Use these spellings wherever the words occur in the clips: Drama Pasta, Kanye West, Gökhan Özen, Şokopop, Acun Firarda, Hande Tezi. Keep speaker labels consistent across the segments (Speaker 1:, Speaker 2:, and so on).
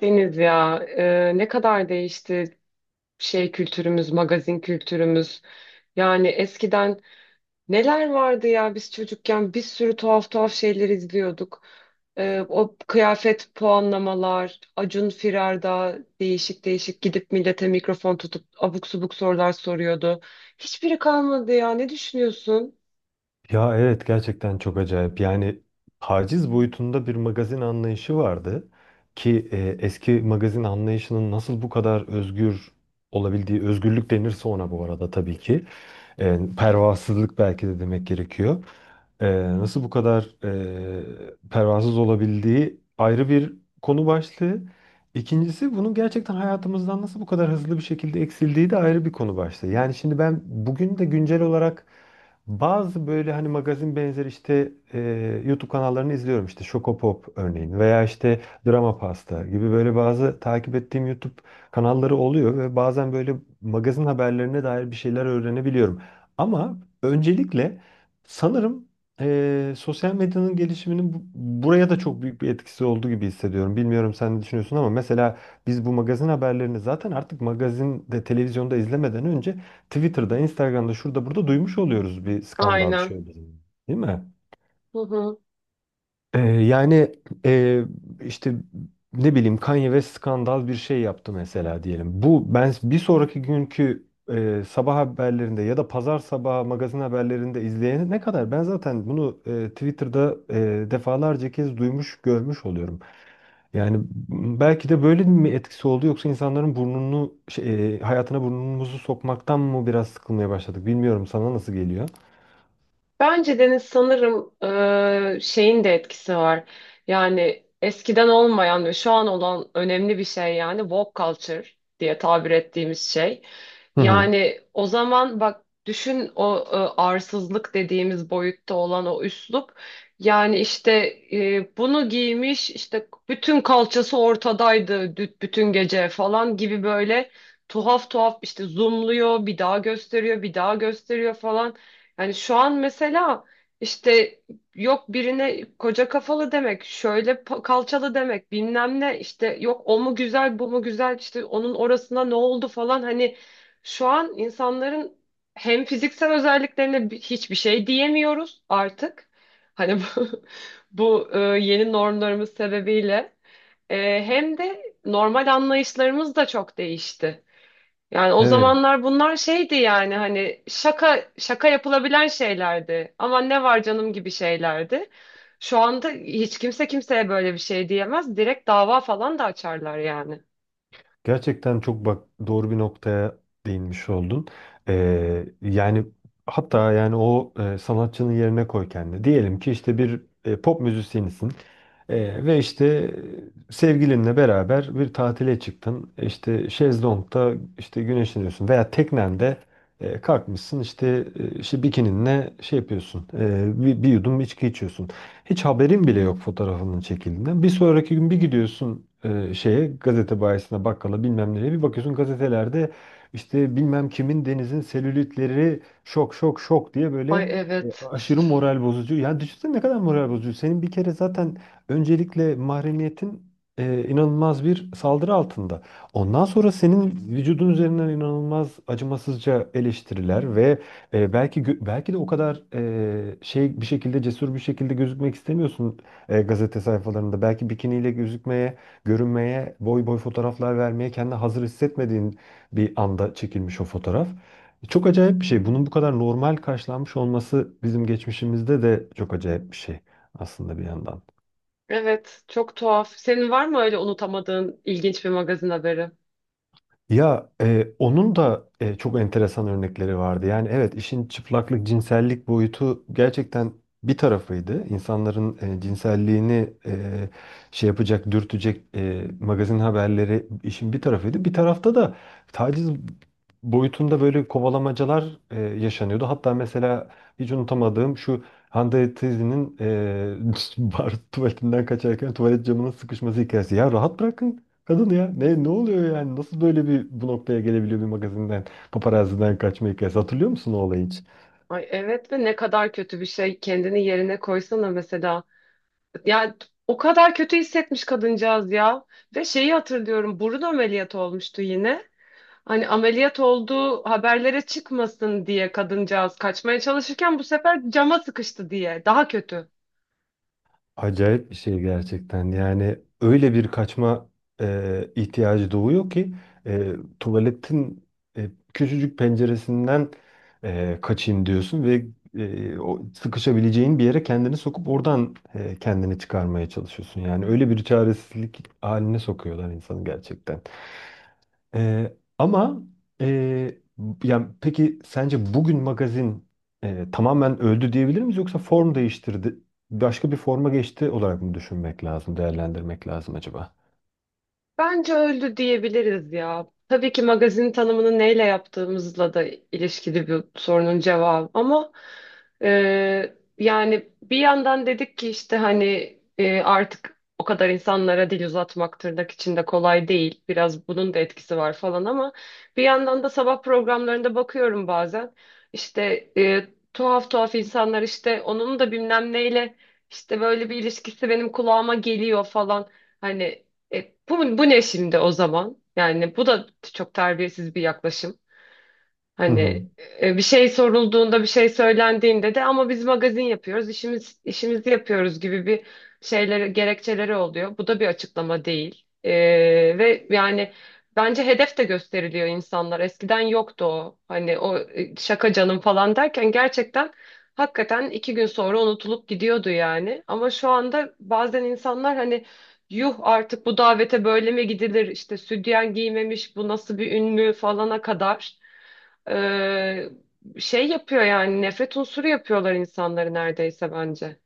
Speaker 1: Deniz ya, ne kadar değişti şey kültürümüz, magazin kültürümüz. Yani eskiden neler vardı ya, biz çocukken bir sürü tuhaf tuhaf şeyler izliyorduk. O kıyafet puanlamalar, Acun Firarda değişik değişik gidip millete mikrofon tutup abuk subuk sorular soruyordu. Hiçbiri kalmadı ya, ne düşünüyorsun?
Speaker 2: Ya evet, gerçekten çok acayip. Yani taciz boyutunda bir magazin anlayışı vardı ki eski magazin anlayışının nasıl bu kadar özgür olabildiği, özgürlük denirse ona bu arada tabii ki. Pervasızlık belki de demek gerekiyor. E, Nasıl bu kadar pervasız olabildiği ayrı bir konu başlığı. İkincisi, bunun gerçekten hayatımızdan nasıl bu kadar hızlı bir şekilde eksildiği de ayrı bir konu başlığı. Yani şimdi ben bugün de güncel olarak bazı böyle hani magazin benzeri işte YouTube kanallarını izliyorum. İşte Şokopop örneğin, veya işte Drama Pasta gibi böyle bazı takip ettiğim YouTube kanalları oluyor ve bazen böyle magazin haberlerine dair bir şeyler öğrenebiliyorum. Ama öncelikle sanırım sosyal medyanın gelişiminin buraya da çok büyük bir etkisi olduğu gibi hissediyorum. Bilmiyorum sen ne düşünüyorsun ama mesela biz bu magazin haberlerini zaten artık magazinde, televizyonda izlemeden önce Twitter'da, Instagram'da, şurada burada duymuş oluyoruz bir skandal bir
Speaker 1: Aynen.
Speaker 2: şey olduğu zaman. Değil mi?
Speaker 1: Hı hı.
Speaker 2: Yani e, işte ne bileyim, Kanye West skandal bir şey yaptı mesela diyelim. Bu, ben bir sonraki günkü sabah haberlerinde ya da pazar sabahı magazin haberlerinde izleyene ne kadar, ben zaten bunu Twitter'da defalarca kez duymuş, görmüş oluyorum. Yani belki de böyle mi etkisi oldu, yoksa insanların burnunu hayatına burnumuzu sokmaktan mı biraz sıkılmaya başladık, bilmiyorum, sana nasıl geliyor?
Speaker 1: Bence Deniz sanırım şeyin de etkisi var. Yani eskiden olmayan ve şu an olan önemli bir şey, yani woke culture diye tabir ettiğimiz şey.
Speaker 2: Hı hı.
Speaker 1: Yani o zaman bak düşün, o arsızlık dediğimiz boyutta olan o üslup. Yani işte bunu giymiş, işte bütün kalçası ortadaydı, bütün gece falan gibi böyle tuhaf tuhaf işte zoomluyor, bir daha gösteriyor, bir daha gösteriyor falan. Yani şu an mesela işte yok birine koca kafalı demek, şöyle kalçalı demek, bilmem ne, işte yok o mu güzel bu mu güzel, işte onun orasına ne oldu falan, hani şu an insanların hem fiziksel özelliklerine hiçbir şey diyemiyoruz artık. Hani bu, bu yeni normlarımız sebebiyle. Hem de normal anlayışlarımız da çok değişti. Yani o
Speaker 2: Evet.
Speaker 1: zamanlar bunlar şeydi, yani hani şaka şaka yapılabilen şeylerdi. Ama ne var canım gibi şeylerdi. Şu anda hiç kimse kimseye böyle bir şey diyemez. Direkt dava falan da açarlar yani.
Speaker 2: Gerçekten çok bak doğru bir noktaya değinmiş oldun. Yani hatta yani o sanatçının yerine koy kendini. Diyelim ki işte bir pop müzisyenisin. Ve işte sevgilinle beraber bir tatile çıktın. E, İşte şezlongda işte güneşleniyorsun veya teknende kalkmışsın işte, işte bikininle şey yapıyorsun. E, bir yudum içki içiyorsun. Hiç haberin bile yok fotoğrafının çekildiğinden. Bir sonraki gün bir gidiyorsun, şeye, gazete bayisine, bakkala, bilmem nereye bir bakıyorsun, gazetelerde işte bilmem kimin denizin selülitleri şok şok şok diye
Speaker 1: Ay,
Speaker 2: böyle,
Speaker 1: evet.
Speaker 2: aşırı moral bozucu. Yani düşünsene ne kadar moral bozucu. Senin bir kere zaten, öncelikle mahremiyetin inanılmaz bir saldırı altında. Ondan sonra senin vücudun üzerinden inanılmaz acımasızca eleştiriler ve belki de o kadar bir şekilde cesur bir şekilde gözükmek istemiyorsun gazete sayfalarında. Belki bikiniyle gözükmeye, görünmeye, boy boy fotoğraflar vermeye kendini hazır hissetmediğin bir anda çekilmiş o fotoğraf. Çok acayip bir şey. Bunun bu kadar normal karşılanmış olması bizim geçmişimizde de çok acayip bir şey aslında, bir yandan.
Speaker 1: Evet, çok tuhaf. Senin var mı öyle unutamadığın ilginç bir magazin haberi?
Speaker 2: Ya onun da çok enteresan örnekleri vardı. Yani evet, işin çıplaklık, cinsellik boyutu gerçekten bir tarafıydı. İnsanların cinselliğini yapacak, dürtecek magazin haberleri işin bir tarafıydı. Bir tarafta da taciz boyutunda böyle kovalamacalar yaşanıyordu. Hatta mesela hiç unutamadığım şu Hande Tezi'nin bar tuvaletinden kaçarken tuvalet camının sıkışması hikayesi. Ya rahat bırakın Kadın ya, ne ne oluyor yani, nasıl böyle bir bu noktaya gelebiliyor bir magazinden, paparazziden kaçma hikayesi. Hatırlıyor musun o olayı hiç?
Speaker 1: Ay evet, ve ne kadar kötü bir şey. Kendini yerine koysana mesela. Yani o kadar kötü hissetmiş kadıncağız ya. Ve şeyi hatırlıyorum. Burun ameliyatı olmuştu yine. Hani ameliyat olduğu haberlere çıkmasın diye kadıncağız kaçmaya çalışırken bu sefer cama sıkıştı diye. Daha kötü.
Speaker 2: Acayip bir şey gerçekten, yani öyle bir kaçma ihtiyacı doğuyor ki e, tuvaletin küçücük penceresinden kaçayım diyorsun ve o sıkışabileceğin bir yere kendini sokup oradan kendini çıkarmaya çalışıyorsun. Yani öyle bir çaresizlik haline sokuyorlar insanı gerçekten. Ee, ama e, yani peki sence bugün magazin tamamen öldü diyebilir miyiz, yoksa form değiştirdi, başka bir forma geçti olarak mı düşünmek lazım, değerlendirmek lazım acaba?
Speaker 1: Bence öldü diyebiliriz ya. Tabii ki magazin tanımını neyle yaptığımızla da ilişkili bir sorunun cevabı. Ama yani bir yandan dedik ki işte hani artık o kadar insanlara dil uzatmak tırnak içinde kolay değil. Biraz bunun da etkisi var falan, ama bir yandan da sabah programlarında bakıyorum bazen. İşte e, tuhaf tuhaf insanlar, işte onun da bilmem neyle işte böyle bir ilişkisi benim kulağıma geliyor falan. Hani bu ne şimdi o zaman? Yani bu da çok terbiyesiz bir yaklaşım.
Speaker 2: Hı
Speaker 1: Hani
Speaker 2: hı.
Speaker 1: bir şey sorulduğunda, bir şey söylendiğinde de ama biz magazin yapıyoruz, işimizi yapıyoruz gibi bir şeyleri, gerekçeleri oluyor. Bu da bir açıklama değil. Ve yani bence hedef de gösteriliyor insanlar. Eskiden yoktu o. Hani o şaka canım falan derken gerçekten hakikaten iki gün sonra unutulup gidiyordu yani. Ama şu anda bazen insanlar hani yuh artık bu davete böyle mi gidilir? İşte sütyen giymemiş, bu nasıl bir ün mü falana kadar. Ee, Şey yapıyor yani, nefret unsuru yapıyorlar insanları neredeyse bence.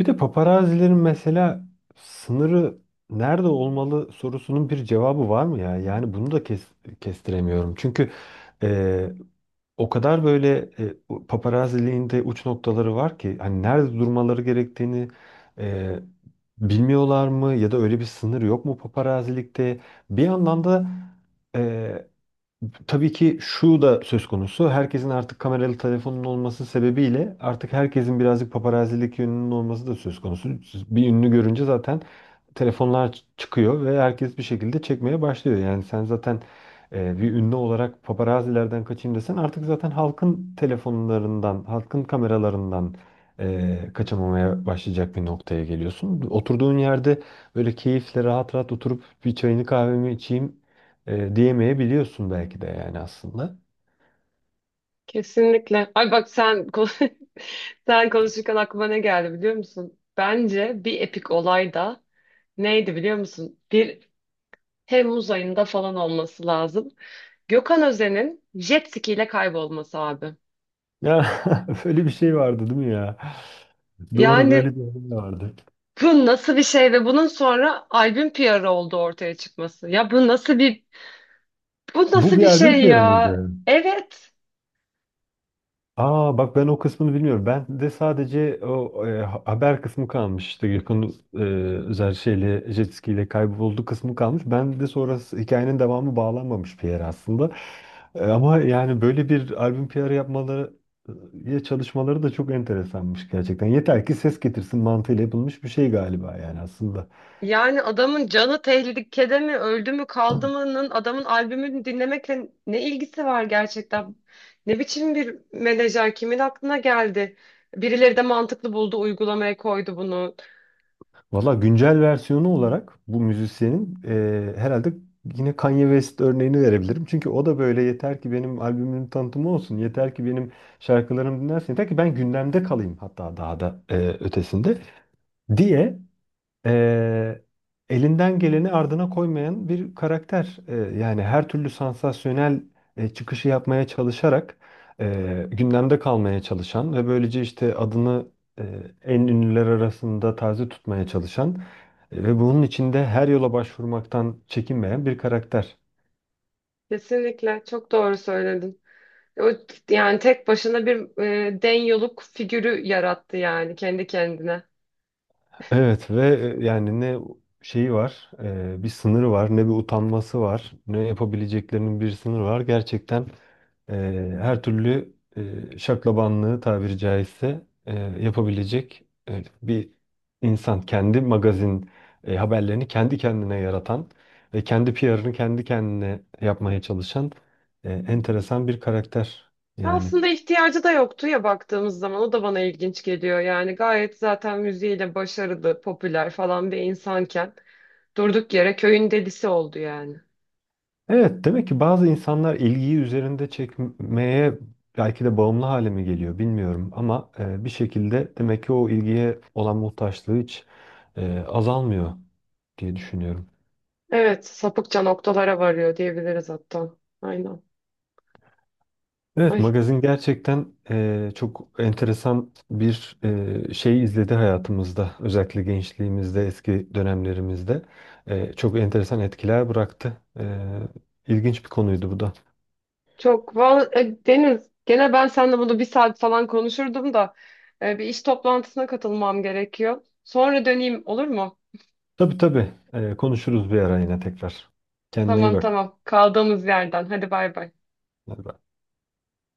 Speaker 2: Bir de paparazilerin mesela sınırı nerede olmalı sorusunun bir cevabı var mı ya? Yani bunu da kestiremiyorum. Çünkü e, o kadar böyle, bu paparazziliğin de uç noktaları var ki, hani nerede durmaları gerektiğini e, bilmiyorlar mı, ya da öyle bir sınır yok mu paparazilikte? Bir yandan da, e, tabii ki şu da söz konusu. Herkesin artık kameralı telefonun olması sebebiyle artık herkesin birazcık paparazilik yönünün olması da söz konusu. Bir ünlü görünce zaten telefonlar çıkıyor ve herkes bir şekilde çekmeye başlıyor. Yani sen zaten bir ünlü olarak paparazilerden kaçayım desen, artık zaten halkın telefonlarından, halkın kameralarından kaçamamaya başlayacak bir noktaya geliyorsun. Oturduğun yerde böyle keyifle rahat rahat oturup bir çayını kahvemi içeyim diyemeyebiliyorsun belki de, yani aslında.
Speaker 1: Kesinlikle. Ay bak, sen konuşurken aklıma ne geldi biliyor musun? Bence bir epik olay da neydi biliyor musun? Bir Temmuz ayında falan olması lazım. Gökhan Özen'in jet ski ile kaybolması abi.
Speaker 2: Ya böyle bir şey vardı değil mi ya? Doğru, böyle
Speaker 1: Yani
Speaker 2: bir şey vardı.
Speaker 1: bu nasıl bir şey, ve bunun sonra albüm PR'ı oldu ortaya çıkması. Ya bu nasıl bir, bu
Speaker 2: Bu
Speaker 1: nasıl
Speaker 2: bir
Speaker 1: bir
Speaker 2: albüm
Speaker 1: şey
Speaker 2: PR'ı
Speaker 1: ya?
Speaker 2: mıydı?
Speaker 1: Evet.
Speaker 2: Aa, bak ben o kısmını bilmiyorum. Ben de sadece o haber kısmı kalmıştı. Gökhan e, özel şeyle jet ski kayboldu kısmı kalmış. Ben de sonrası, hikayenin devamı bağlanmamış bir yer aslında. Ama yani böyle bir albüm PR'ı yapmaları, ya çalışmaları da çok enteresanmış gerçekten. Yeter ki ses getirsin mantığıyla yapılmış bir şey galiba yani aslında.
Speaker 1: Yani adamın canı tehlikede mi, öldü mü, kaldı mı'nın adamın albümünü dinlemekle ne ilgisi var gerçekten? Ne biçim bir menajer, kimin aklına geldi? Birileri de mantıklı buldu, uygulamaya koydu bunu.
Speaker 2: Valla güncel versiyonu olarak bu müzisyenin herhalde yine Kanye West örneğini verebilirim. Çünkü o da böyle, yeter ki benim albümümün tanıtımı olsun, yeter ki benim şarkılarım dinlensin, yeter ki ben gündemde kalayım, hatta daha da ötesinde diye eee, elinden geleni ardına koymayan bir karakter. Yani her türlü sansasyonel çıkışı yapmaya çalışarak gündemde kalmaya çalışan ve böylece işte adını e, en ünlüler arasında taze tutmaya çalışan ve bunun içinde her yola başvurmaktan çekinmeyen bir karakter.
Speaker 1: Kesinlikle çok doğru söyledin. O, yani tek başına bir den yoluk figürü yarattı yani kendi kendine.
Speaker 2: Evet, ve yani ne şeyi var, bir sınırı var, ne bir utanması var, ne yapabileceklerinin bir sınırı var. Gerçekten e, her türlü şaklabanlığı tabiri caizse yapabilecek bir insan. Kendi magazin haberlerini kendi kendine yaratan ve kendi PR'ını kendi kendine yapmaya çalışan enteresan bir karakter yani.
Speaker 1: Aslında ihtiyacı da yoktu ya, baktığımız zaman o da bana ilginç geliyor. Yani gayet zaten müziğiyle başarılı, popüler falan bir insanken durduk yere köyün delisi oldu yani.
Speaker 2: Evet, demek ki bazı insanlar ilgiyi üzerinde çekmeye belki de bağımlı hale mi geliyor bilmiyorum, ama bir şekilde demek ki o ilgiye olan muhtaçlığı hiç azalmıyor diye düşünüyorum.
Speaker 1: Evet, sapıkça noktalara varıyor diyebiliriz hatta. Aynen.
Speaker 2: Evet,
Speaker 1: Ay,
Speaker 2: magazin gerçekten çok enteresan bir şey izledi hayatımızda. Özellikle gençliğimizde, eski dönemlerimizde çok enteresan etkiler bıraktı. İlginç bir konuydu bu da.
Speaker 1: çok. Deniz, gene ben seninle bunu bir saat falan konuşurdum da bir iş toplantısına katılmam gerekiyor. Sonra döneyim olur mu?
Speaker 2: Tabii tabii, konuşuruz bir ara yine tekrar. Kendine iyi
Speaker 1: Tamam
Speaker 2: bak.
Speaker 1: tamam. Kaldığımız yerden. Hadi bay bay.
Speaker 2: Hadi